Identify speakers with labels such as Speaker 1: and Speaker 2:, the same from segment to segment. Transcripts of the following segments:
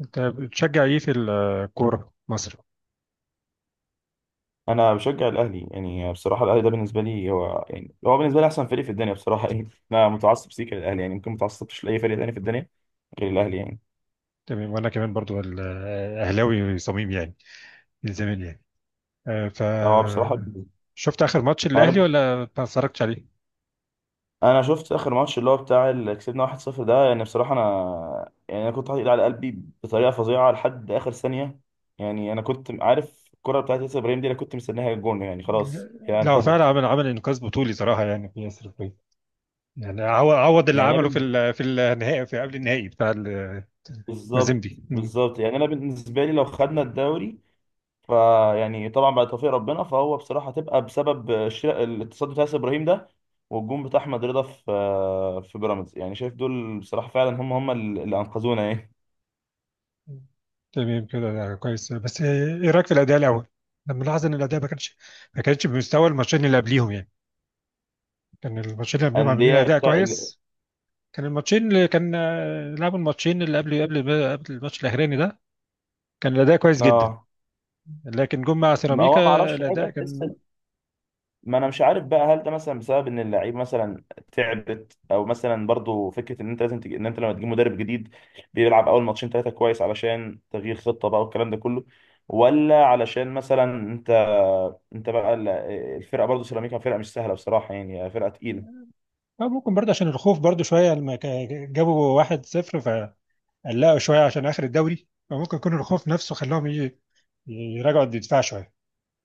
Speaker 1: انت بتشجع ايه في الكوره مصر؟
Speaker 2: انا بشجع الاهلي، يعني بصراحه الاهلي ده بالنسبه لي هو، يعني هو بالنسبه لي احسن فريق في الدنيا بصراحه. يعني انا متعصب سيكا للاهلي، يعني ممكن متعصبش لاي فريق تاني في الدنيا غير الاهلي. يعني
Speaker 1: تمام. وانا كمان برضو اهلاوي صميم يعني، من زمان يعني. آه، ف
Speaker 2: هو بصراحه
Speaker 1: شفت اخر ماتش الاهلي
Speaker 2: انا
Speaker 1: ولا ما اتفرجتش عليه؟
Speaker 2: انا شفت اخر ماتش اللي هو بتاع اللي كسبنا 1-0 ده. يعني بصراحه انا كنت حاطط ايدي على قلبي بطريقه فظيعه لحد اخر ثانيه. يعني انا كنت عارف الكره بتاعت ياسر ابراهيم دي، انا كنت مستنيها الجون، يعني
Speaker 1: لا،
Speaker 2: خلاص هي
Speaker 1: لا، هو فعلا
Speaker 2: انتهت.
Speaker 1: عمل انقاذ بطولي صراحه يعني في ياسر الفيل. يعني عوض اللي
Speaker 2: يعني انا
Speaker 1: عمله
Speaker 2: بال-
Speaker 1: في النهائي، في قبل النهائي بتاع
Speaker 2: بالظبط.
Speaker 1: المازيمبي. مم.
Speaker 2: بالظبط يعني انا بالنسبه لي لو خدنا الدوري فيعني طبعا بعد توفيق ربنا، فهو بصراحه تبقى بسبب الاتصال بتاع ياسر ابراهيم ده، والجون بتاع احمد رضا في في بيراميدز. يعني شايف دول بصراحه فعلا هم اللي انقذونا يعني.
Speaker 1: تمام كده، ده كويس، بس ايه رايك في الاداء الاول؟ انا ملاحظ ان الاداء ما كانش، بمستوى الماتشين اللي قبليهم يعني. كان الماتشين اللي قبليهم عاملين
Speaker 2: انديه
Speaker 1: اداء
Speaker 2: بتاع ال-
Speaker 1: كويس. كان الماتشين اللي كان، لعبوا، الماتشين اللي قبل الماتش الاخراني ده كان الاداء كويس جدا.
Speaker 2: اه
Speaker 1: لكن جم مع
Speaker 2: ما هو ما
Speaker 1: سيراميكا
Speaker 2: اعرفش فجاه
Speaker 1: الاداء
Speaker 2: تحس،
Speaker 1: كان.
Speaker 2: ما انا مش عارف بقى، هل ده مثلا بسبب ان اللعيب مثلا تعبت، او مثلا برضو فكره ان انت لازم تج... ان انت لما تجيب مدرب جديد بيلعب اول ماتشين ثلاثه كويس علشان تغيير خطه بقى والكلام ده كله، ولا علشان مثلا انت انت بقى الفرقه برضو. سيراميكا فرقه مش سهله بصراحه، يعني فرقه تقيله.
Speaker 1: ممكن برضه عشان الخوف برضه شويه لما جابوا 1-0 فقلقوا شويه عشان اخر الدوري، فممكن يكون الخوف نفسه خلاهم يراجعوا الدفاع شويه،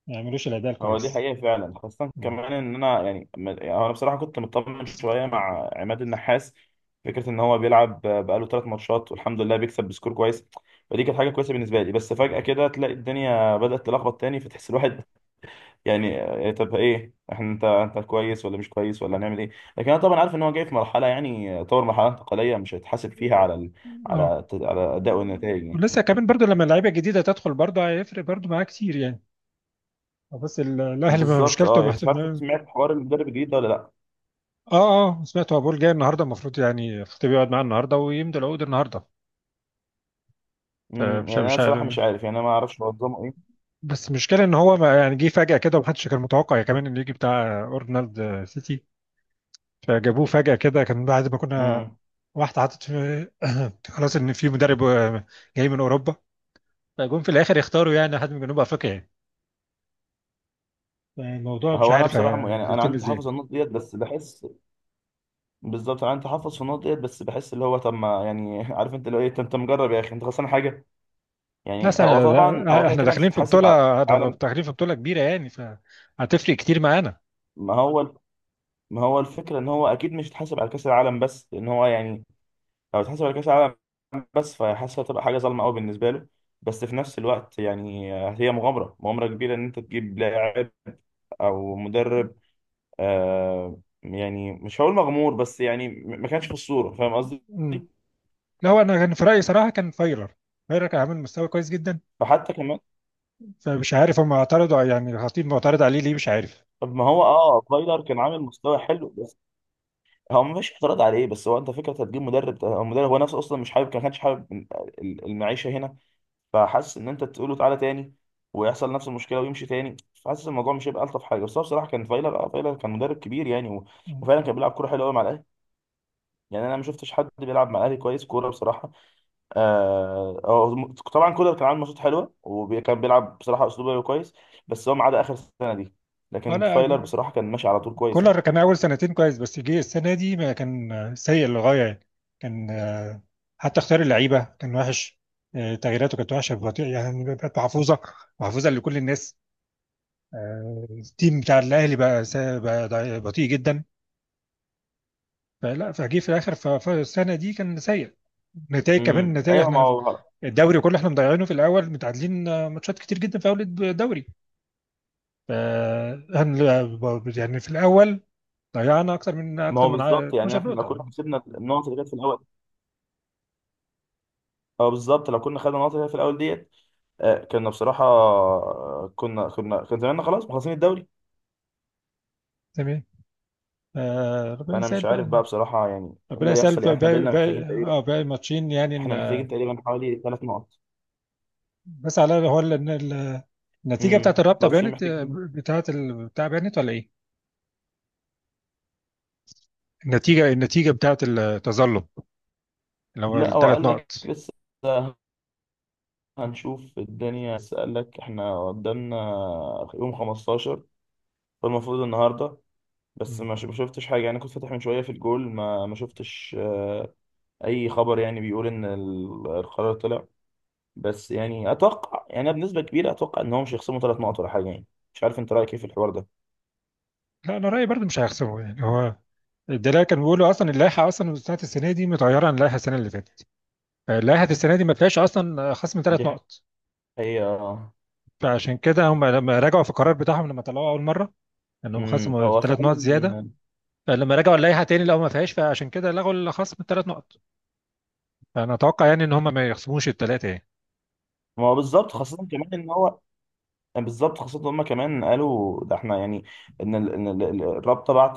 Speaker 1: ما يعملوش الاداء
Speaker 2: هو دي
Speaker 1: الكويس.
Speaker 2: حقيقة فعلا، خاصة
Speaker 1: مم.
Speaker 2: كمان إن أنا يعني أنا بصراحة كنت مطمن شوية مع عماد النحاس. فكرة إن هو بيلعب بقاله ثلاث ماتشات والحمد لله بيكسب بسكور كويس، فدي كانت حاجة كويسة بالنسبة لي، بس فجأة كده تلاقي الدنيا بدأت تلخبط تاني، فتحس الواحد يعني، طب إيه إحنا، أنت كويس ولا مش كويس ولا هنعمل إيه؟ لكن أنا طبعا عارف إن هو جاي في مرحلة، يعني آه، طور مرحلة انتقالية مش هيتحاسب فيها على
Speaker 1: اه،
Speaker 2: على أداء والنتائج يعني.
Speaker 1: ولسه كمان برضو لما اللعيبه الجديده تدخل برضو هيفرق برضو معاه كتير يعني. بس الاهلي ما
Speaker 2: بالظبط.
Speaker 1: مشكلته.
Speaker 2: أه يعني مش عارف، سمعت حوار المدرب الجديد ده ولا لأ؟
Speaker 1: اه. اه، سمعت، هو بول جاي النهارده، المفروض يعني الخطيب يقعد معاه النهارده ويمضي العقود النهارده، فمش
Speaker 2: يعني انا
Speaker 1: مش
Speaker 2: بصراحه
Speaker 1: عارف.
Speaker 2: مش عارف، يعني انا ما اعرفش منظمه ايه.
Speaker 1: بس المشكله ان هو ما يعني جه فجاه كده ومحدش كان متوقع يعني، كمان انه يجي بتاع اورنالد سيتي، فجابوه فجاه كده. كان بعد ما كنا
Speaker 2: امم
Speaker 1: واحده حاطط في خلاص ان في مدرب جاي من اوروبا، فجم في الاخر يختاروا يعني حد من جنوب افريقيا. يعني الموضوع مش
Speaker 2: هو انا
Speaker 1: عارف
Speaker 2: بصراحه انا
Speaker 1: هيتم
Speaker 2: عندي تحفظ
Speaker 1: ازاي.
Speaker 2: على النقط ديت، بس بحس، بالظبط انا عندي تحفظ في النقط ديت، بس بحس اللي هو طب ما يعني عارف انت اللي هو ايه؟ انت مجرب يا اخي، انت خسران حاجه؟ يعني
Speaker 1: بس
Speaker 2: هو طبعا هو كده
Speaker 1: احنا
Speaker 2: كده مش
Speaker 1: داخلين في
Speaker 2: هيتحاسب على كأس
Speaker 1: بطوله،
Speaker 2: العالم.
Speaker 1: داخلين في بطوله كبيره يعني، فهتفرق كتير معانا.
Speaker 2: ما هو ما هو الفكره ان هو اكيد مش هيتحاسب على كاس العالم، بس لان هو يعني لو اتحاسب على كاس العالم بس، فحاسس هتبقى حاجه ظالمه قوي بالنسبه له. بس في نفس الوقت يعني هي مغامره كبيره ان انت تجيب لاعب او مدرب. آه، يعني مش هقول مغمور، بس يعني ما كانش في الصورة، فاهم قصدي؟
Speaker 1: لا، هو انا كان في رايي صراحه كان فايلر. فايلر كان عامل مستوى كويس جدا.
Speaker 2: فحتى كمان،
Speaker 1: فمش عارف هم اعترضوا يعني الخطيب معترض عليه ليه، مش عارف.
Speaker 2: طب ما هو اه فايلر كان عامل مستوى حلو، بس هو ما فيش اعتراض عليه. بس هو انت فكره هتجيب مدرب، هو المدرب هو نفسه اصلا مش حابب، ما كانش حابب المعيشه هنا. فحاسس ان انت تقول له تعالى تاني، ويحصل نفس المشكله ويمشي تاني، فحاسس الموضوع مش هيبقى الطف حاجه. بس هو بصراحه كان فايلر، اه فايلر كان مدرب كبير يعني، وفعلا كان بيلعب كوره حلوه قوي مع الاهلي. يعني انا ما شفتش حد بيلعب مع الاهلي كويس كوره بصراحه. آه هو طبعا كولر كان عامل ماتشات حلوه، وكان بيلعب بصراحه اسلوب لعبه كويس، بس هو ما عدا اخر سنه دي. لكن فايلر
Speaker 1: ولا،
Speaker 2: بصراحه كان ماشي على طول كويس يعني.
Speaker 1: كولر كان اول سنتين كويس، بس جه السنه دي ما كان، سيء للغايه يعني. كان آه، حتى اختيار اللعيبه كان وحش. تغييراته كانت وحشه، بطيء يعني، بقت محفوظه، محفوظه لكل الناس. التيم بتاع الاهلي بقى بطيء جدا، فلا فجه في الاخر فالسنه دي كان سيء. نتائج كمان، نتائج
Speaker 2: ايوه ما
Speaker 1: احنا
Speaker 2: هو،
Speaker 1: الدوري كله احنا مضيعينه في الاول، متعادلين، ماتشات كتير جدا في اول الدوري. فهن يعني في الاول ضيعنا اكتر من
Speaker 2: ما هو بالظبط. يعني
Speaker 1: 12
Speaker 2: احنا لو
Speaker 1: نقطه
Speaker 2: كنا
Speaker 1: يعني.
Speaker 2: كسبنا النقط اللي كانت في الاول، اه بالظبط لو كنا خدنا النقط اللي كانت في الاول ديت، آه كنا بصراحه، كنا كان زماننا خلاص مخلصين الدوري.
Speaker 1: تمام. ربنا
Speaker 2: فانا
Speaker 1: يسهل
Speaker 2: مش عارف
Speaker 1: بقى.
Speaker 2: بقى بصراحه يعني ايه
Speaker 1: ربنا
Speaker 2: اللي
Speaker 1: يسهل
Speaker 2: هيحصل.
Speaker 1: بقى،
Speaker 2: يعني احنا
Speaker 1: باقي
Speaker 2: بقينا محتاجين تقريبا،
Speaker 1: باقي ماتشين يعني.
Speaker 2: احنا محتاجين تقريبا حوالي ثلاث نقط.
Speaker 1: بس على هو ال- إن ال- النتيجه بتاعت الرابطه
Speaker 2: ماتشين
Speaker 1: بانت،
Speaker 2: محتاجين.
Speaker 1: بتاع بانت، ولا ايه؟ النتيجه بتاعت التظلم، اللي هو
Speaker 2: لا هو
Speaker 1: الثلاث
Speaker 2: قال لك
Speaker 1: نقط
Speaker 2: لسه هنشوف الدنيا، اسألك احنا قدامنا يوم 15، فالمفروض النهارده، بس
Speaker 1: مم.
Speaker 2: ما شفتش حاجة يعني، كنت فاتح من شوية في الجول، ما ما شفتش أي خبر يعني بيقول إن القرار طلع. بس يعني أتوقع، يعني أنا بنسبة كبيرة أتوقع إن هو مش هيخصموا ثلاث نقط ولا حاجة يعني. مش عارف أنت رأيك إيه في الحوار ده.
Speaker 1: لا، انا رايي برضه مش هيخسروا يعني. هو ده كان بيقولوا، اصلا اللائحه اصلا بتاعت السنه دي متغيره عن اللائحه السنه اللي فاتت، فلائحه السنه دي ما فيهاش اصلا خصم
Speaker 2: دي
Speaker 1: 3 نقط.
Speaker 2: حقيقة آه.
Speaker 1: فعشان كده هم لما راجعوا في القرار بتاعهم لما طلعوه اول مره انهم
Speaker 2: أمم،
Speaker 1: خصموا
Speaker 2: هو
Speaker 1: ثلاث
Speaker 2: فعلا.
Speaker 1: نقط زياده، فلما رجعوا اللائحه تاني لقوا ما فيهاش، فعشان كده لغوا الخصم ال3 نقط. فانا اتوقع يعني ان هم ما يخصموش الثلاثه يعني.
Speaker 2: ما هو بالظبط، خاصة كمان إن هو، يعني بالظبط، خاصة إن هما كمان قالوا ده، احنا يعني ان الرابطة بعت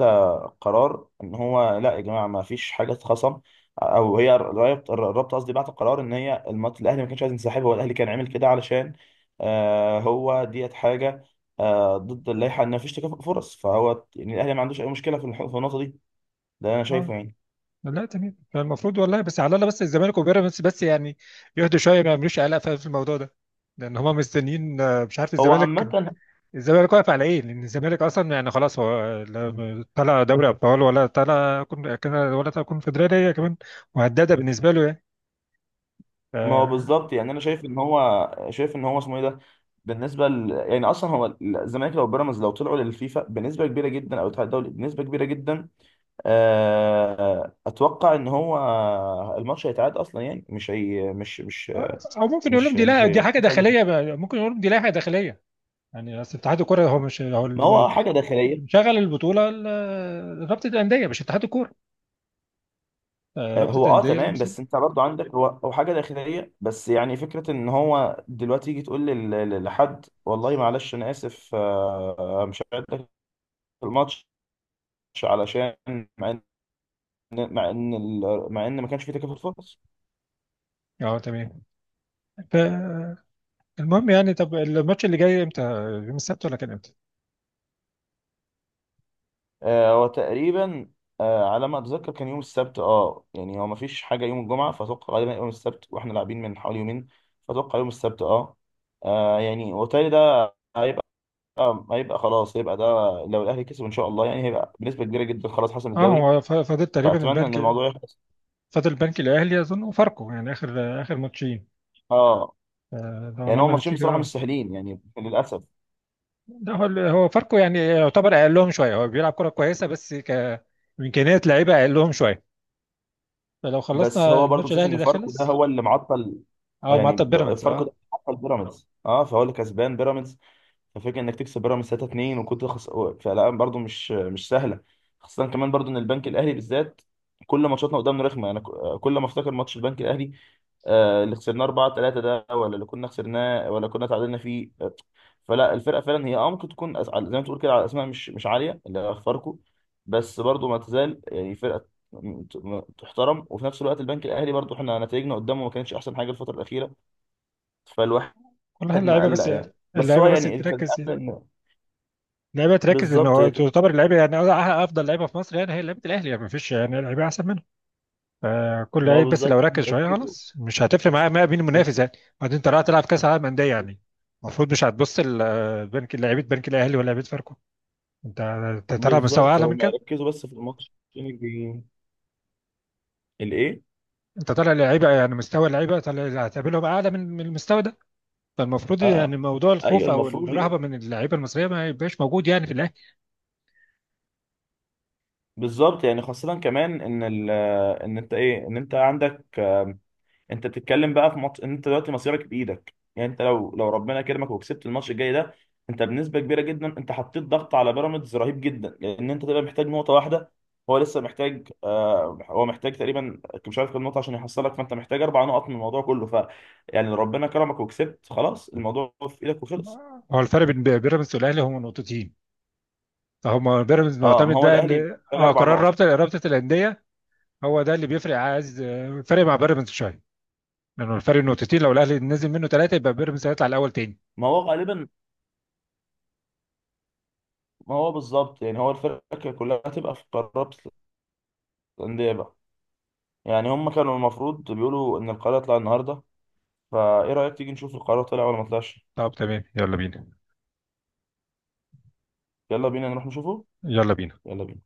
Speaker 2: قرار ان هو لا يا جماعة ما فيش حاجة اتخصم. او هي الرابطة، الرابطة قصدي، بعت قرار ان هي الماتش الاهلي ما كانش عايز ينسحب، هو الاهلي كان عامل كده علشان آه هو ديت حاجة آه ضد اللائحة، ان ما فيش تكافؤ فرص، فهو يعني الاهلي ما عندوش اي مشكلة في في النقطة دي، ده انا
Speaker 1: اه.
Speaker 2: شايفه يعني.
Speaker 1: لا، تمام، فالمفروض والله، بس على الله، بس الزمالك وبيراميدز بس يعني يهدوا شويه، ما يعملوش قلق في الموضوع ده، لان هم مستنيين. مش عارف
Speaker 2: هو
Speaker 1: الزمالك،
Speaker 2: عامة
Speaker 1: الزمالك واقف على ايه؟ لان الزمالك اصلا يعني خلاص، هو لا طلع دوري ابطال، ولا طلع ولا طلع كونفدراليه كمان، وهداده بالنسبه له يعني. ف-
Speaker 2: ما هو بالظبط، يعني انا شايف ان هو شايف ان هو اسمه ايه ده، يعني اصلا هو الزمالك لو بيراميدز، لو طلعوا للفيفا بنسبه كبيره جدا او الاتحاد الدولي بنسبه كبيره جدا، آه، اتوقع ان هو الماتش هيتعاد اصلا، يعني مش هي مش مش
Speaker 1: او ممكن يقول لهم
Speaker 2: مش
Speaker 1: دي،
Speaker 2: مش
Speaker 1: لا دي حاجه
Speaker 2: هيحسب.
Speaker 1: داخليه بقى، ممكن يقول لهم دي لائحه داخليه. يعني اصل اتحاد الكوره هو مش هو
Speaker 2: ما
Speaker 1: اللي،
Speaker 2: هو آه، حاجه داخليه.
Speaker 1: مشغل البطوله رابطه الانديه، مش اتحاد الكوره.
Speaker 2: آه،
Speaker 1: رابطه
Speaker 2: هو اه
Speaker 1: الانديه
Speaker 2: تمام،
Speaker 1: المسؤول.
Speaker 2: بس انت برضو عندك هو حاجه داخليه، بس يعني فكره ان هو دلوقتي يجي تقول لحد والله معلش انا اسف آه، مش هعد لك الماتش، علشان مع ان مع ان ما كانش في تكافل فرص.
Speaker 1: اه، تمام، فالمهم يعني طب الماتش اللي جاي امتى؟ يوم السبت، ولا كان امتى؟
Speaker 2: آه، هو تقريبا، آه، على ما اتذكر كان يوم السبت. اه يعني هو ما فيش حاجه يوم الجمعه، فاتوقع غالبا يوم السبت، واحنا لاعبين من حوالي يومين، فاتوقع يوم السبت اه. آه، يعني وبالتالي ده هيبقى، هيبقى خلاص هيبقى ده لو الاهلي كسب ان شاء الله، يعني هيبقى بنسبه كبيره جدا خلاص حسم
Speaker 1: اه،
Speaker 2: الدوري.
Speaker 1: هو فاضل تقريبا
Speaker 2: فاتمنى ان
Speaker 1: البنك،
Speaker 2: الموضوع يخلص.
Speaker 1: فاضل البنك الاهلي اظن وفاركو يعني، اخر اخر ماتشين.
Speaker 2: اه
Speaker 1: لو
Speaker 2: يعني هو
Speaker 1: عملنا
Speaker 2: ماتشين
Speaker 1: نتيجه.
Speaker 2: بصراحه مش
Speaker 1: اه.
Speaker 2: سهلين يعني للاسف.
Speaker 1: لا، هو، هو فاركو يعني يعتبر اقلهم شويه، هو بيلعب كره كويسه، بس امكانيات لعيبه اقلهم شويه، فلو
Speaker 2: بس
Speaker 1: خلصنا
Speaker 2: هو برضه
Speaker 1: الماتش
Speaker 2: مفيش،
Speaker 1: الاهلي
Speaker 2: ان
Speaker 1: ده
Speaker 2: فاركو ده
Speaker 1: خلص.
Speaker 2: هو اللي معطل،
Speaker 1: اه.
Speaker 2: يعني
Speaker 1: طب بيراميدز.
Speaker 2: فاركو ده
Speaker 1: اه.
Speaker 2: اللي معطل بيراميدز اه، فهو اللي كسبان بيراميدز. ففكرة انك تكسب بيراميدز 3-2 فالألعاب برضو مش سهله. خاصه كمان برضو ان البنك الاهلي بالذات كل ماتشاتنا قدامنا رخمه، انا كل ما افتكر ماتش البنك الاهلي آه، اللي خسرناه 4-3 ده، ولا اللي كنا خسرناه ولا كنا تعادلنا فيه آه، فلا الفرقه فعلا هي اه ممكن تكون زي ما تقول كده على اسماء مش عاليه اللي هي فاركو، بس برضو ما تزال يعني فرقه تحترم. وفي نفس الوقت البنك الاهلي برضو احنا نتائجنا قدامه ما كانتش احسن حاجه الفتره الاخيره، فالواحد
Speaker 1: كلها اللعيبه
Speaker 2: مقلق
Speaker 1: بس،
Speaker 2: يعني، بس هو
Speaker 1: اللعيبه بس
Speaker 2: يعني كان
Speaker 1: تركز، اللعيبه تركز، ان
Speaker 2: بالظبط
Speaker 1: هو
Speaker 2: هي.
Speaker 1: تعتبر اللعيبه يعني افضل لعيبه في مصر يعني، هي لعيبه الاهلي يعني، ما فيش يعني لعيبه احسن منها. كل
Speaker 2: ما هو
Speaker 1: لعيب بس لو
Speaker 2: بالظبط هم
Speaker 1: ركز شويه
Speaker 2: يركزوا
Speaker 1: خلاص، مش هتفرق معايا، مين المنافس يعني. بعدين انت رايح تلعب كاس عالم انديه يعني، المفروض مش هتبص بنك لعيبه، بنك الاهلي ولا لعيبه فاركو. انت طالع مستوى
Speaker 2: بالظبط
Speaker 1: اعلى من
Speaker 2: هم
Speaker 1: كده.
Speaker 2: يركزوا بس في الماتش الجاي. الايه؟
Speaker 1: انت طالع لعيبه، يعني مستوى اللعيبه طالع اللي هتقابلهم اعلى من المستوى ده، فالمفروض يعني
Speaker 2: اه
Speaker 1: موضوع
Speaker 2: ايوه
Speaker 1: الخوف او
Speaker 2: المفروض
Speaker 1: الرهبه من اللعيبه المصريه ما يبقاش موجود يعني في الاهلي.
Speaker 2: بالظبط يعني خاصة كمان ان ال، ان انت ايه، ان انت عندك، انت بتتكلم بقى في ماتش انت دلوقتي مصيرك بايدك، يعني انت لو لو ربنا كرمك وكسبت الماتش الجاي ده، انت بنسبه كبيره جدا انت حطيت ضغط على بيراميدز رهيب جدا، لان انت تبقى محتاج نقطه واحده. هو لسه محتاج آه هو محتاج تقريبا، مش عارف كام نقطه عشان يحصلك، فانت محتاج اربع نقط من الموضوع كله، ف يعني لو ربنا كرمك وكسبت خلاص الموضوع في ايدك وخلص.
Speaker 1: هو الفرق بين بيراميدز والاهلي هم نقطتين، فهم بيراميدز
Speaker 2: اه ما
Speaker 1: معتمد
Speaker 2: هو
Speaker 1: بقى
Speaker 2: الاهلي
Speaker 1: ان،
Speaker 2: محتاج اربع
Speaker 1: قرار
Speaker 2: نقط.
Speaker 1: رابطه، الانديه، هو ده اللي بيفرق، عايز فرق مع بيراميدز شويه، لأنه الفرق نقطتين، لو الاهلي نزل منه ثلاثه يبقى بيراميدز هيطلع الاول تاني.
Speaker 2: ما هو غالبا، ما هو بالظبط، يعني هو الفرقه كلها هتبقى في قرابه الانديه بقى. يعني هم كانوا المفروض بيقولوا ان القرار يطلع النهارده، فايه رأيك تيجي نشوف القرار طلع ولا ما طلعش؟
Speaker 1: طب تمام، يلا بينا،
Speaker 2: يلا بينا نروح نشوفه.
Speaker 1: يلا بينا.
Speaker 2: يلا بينا.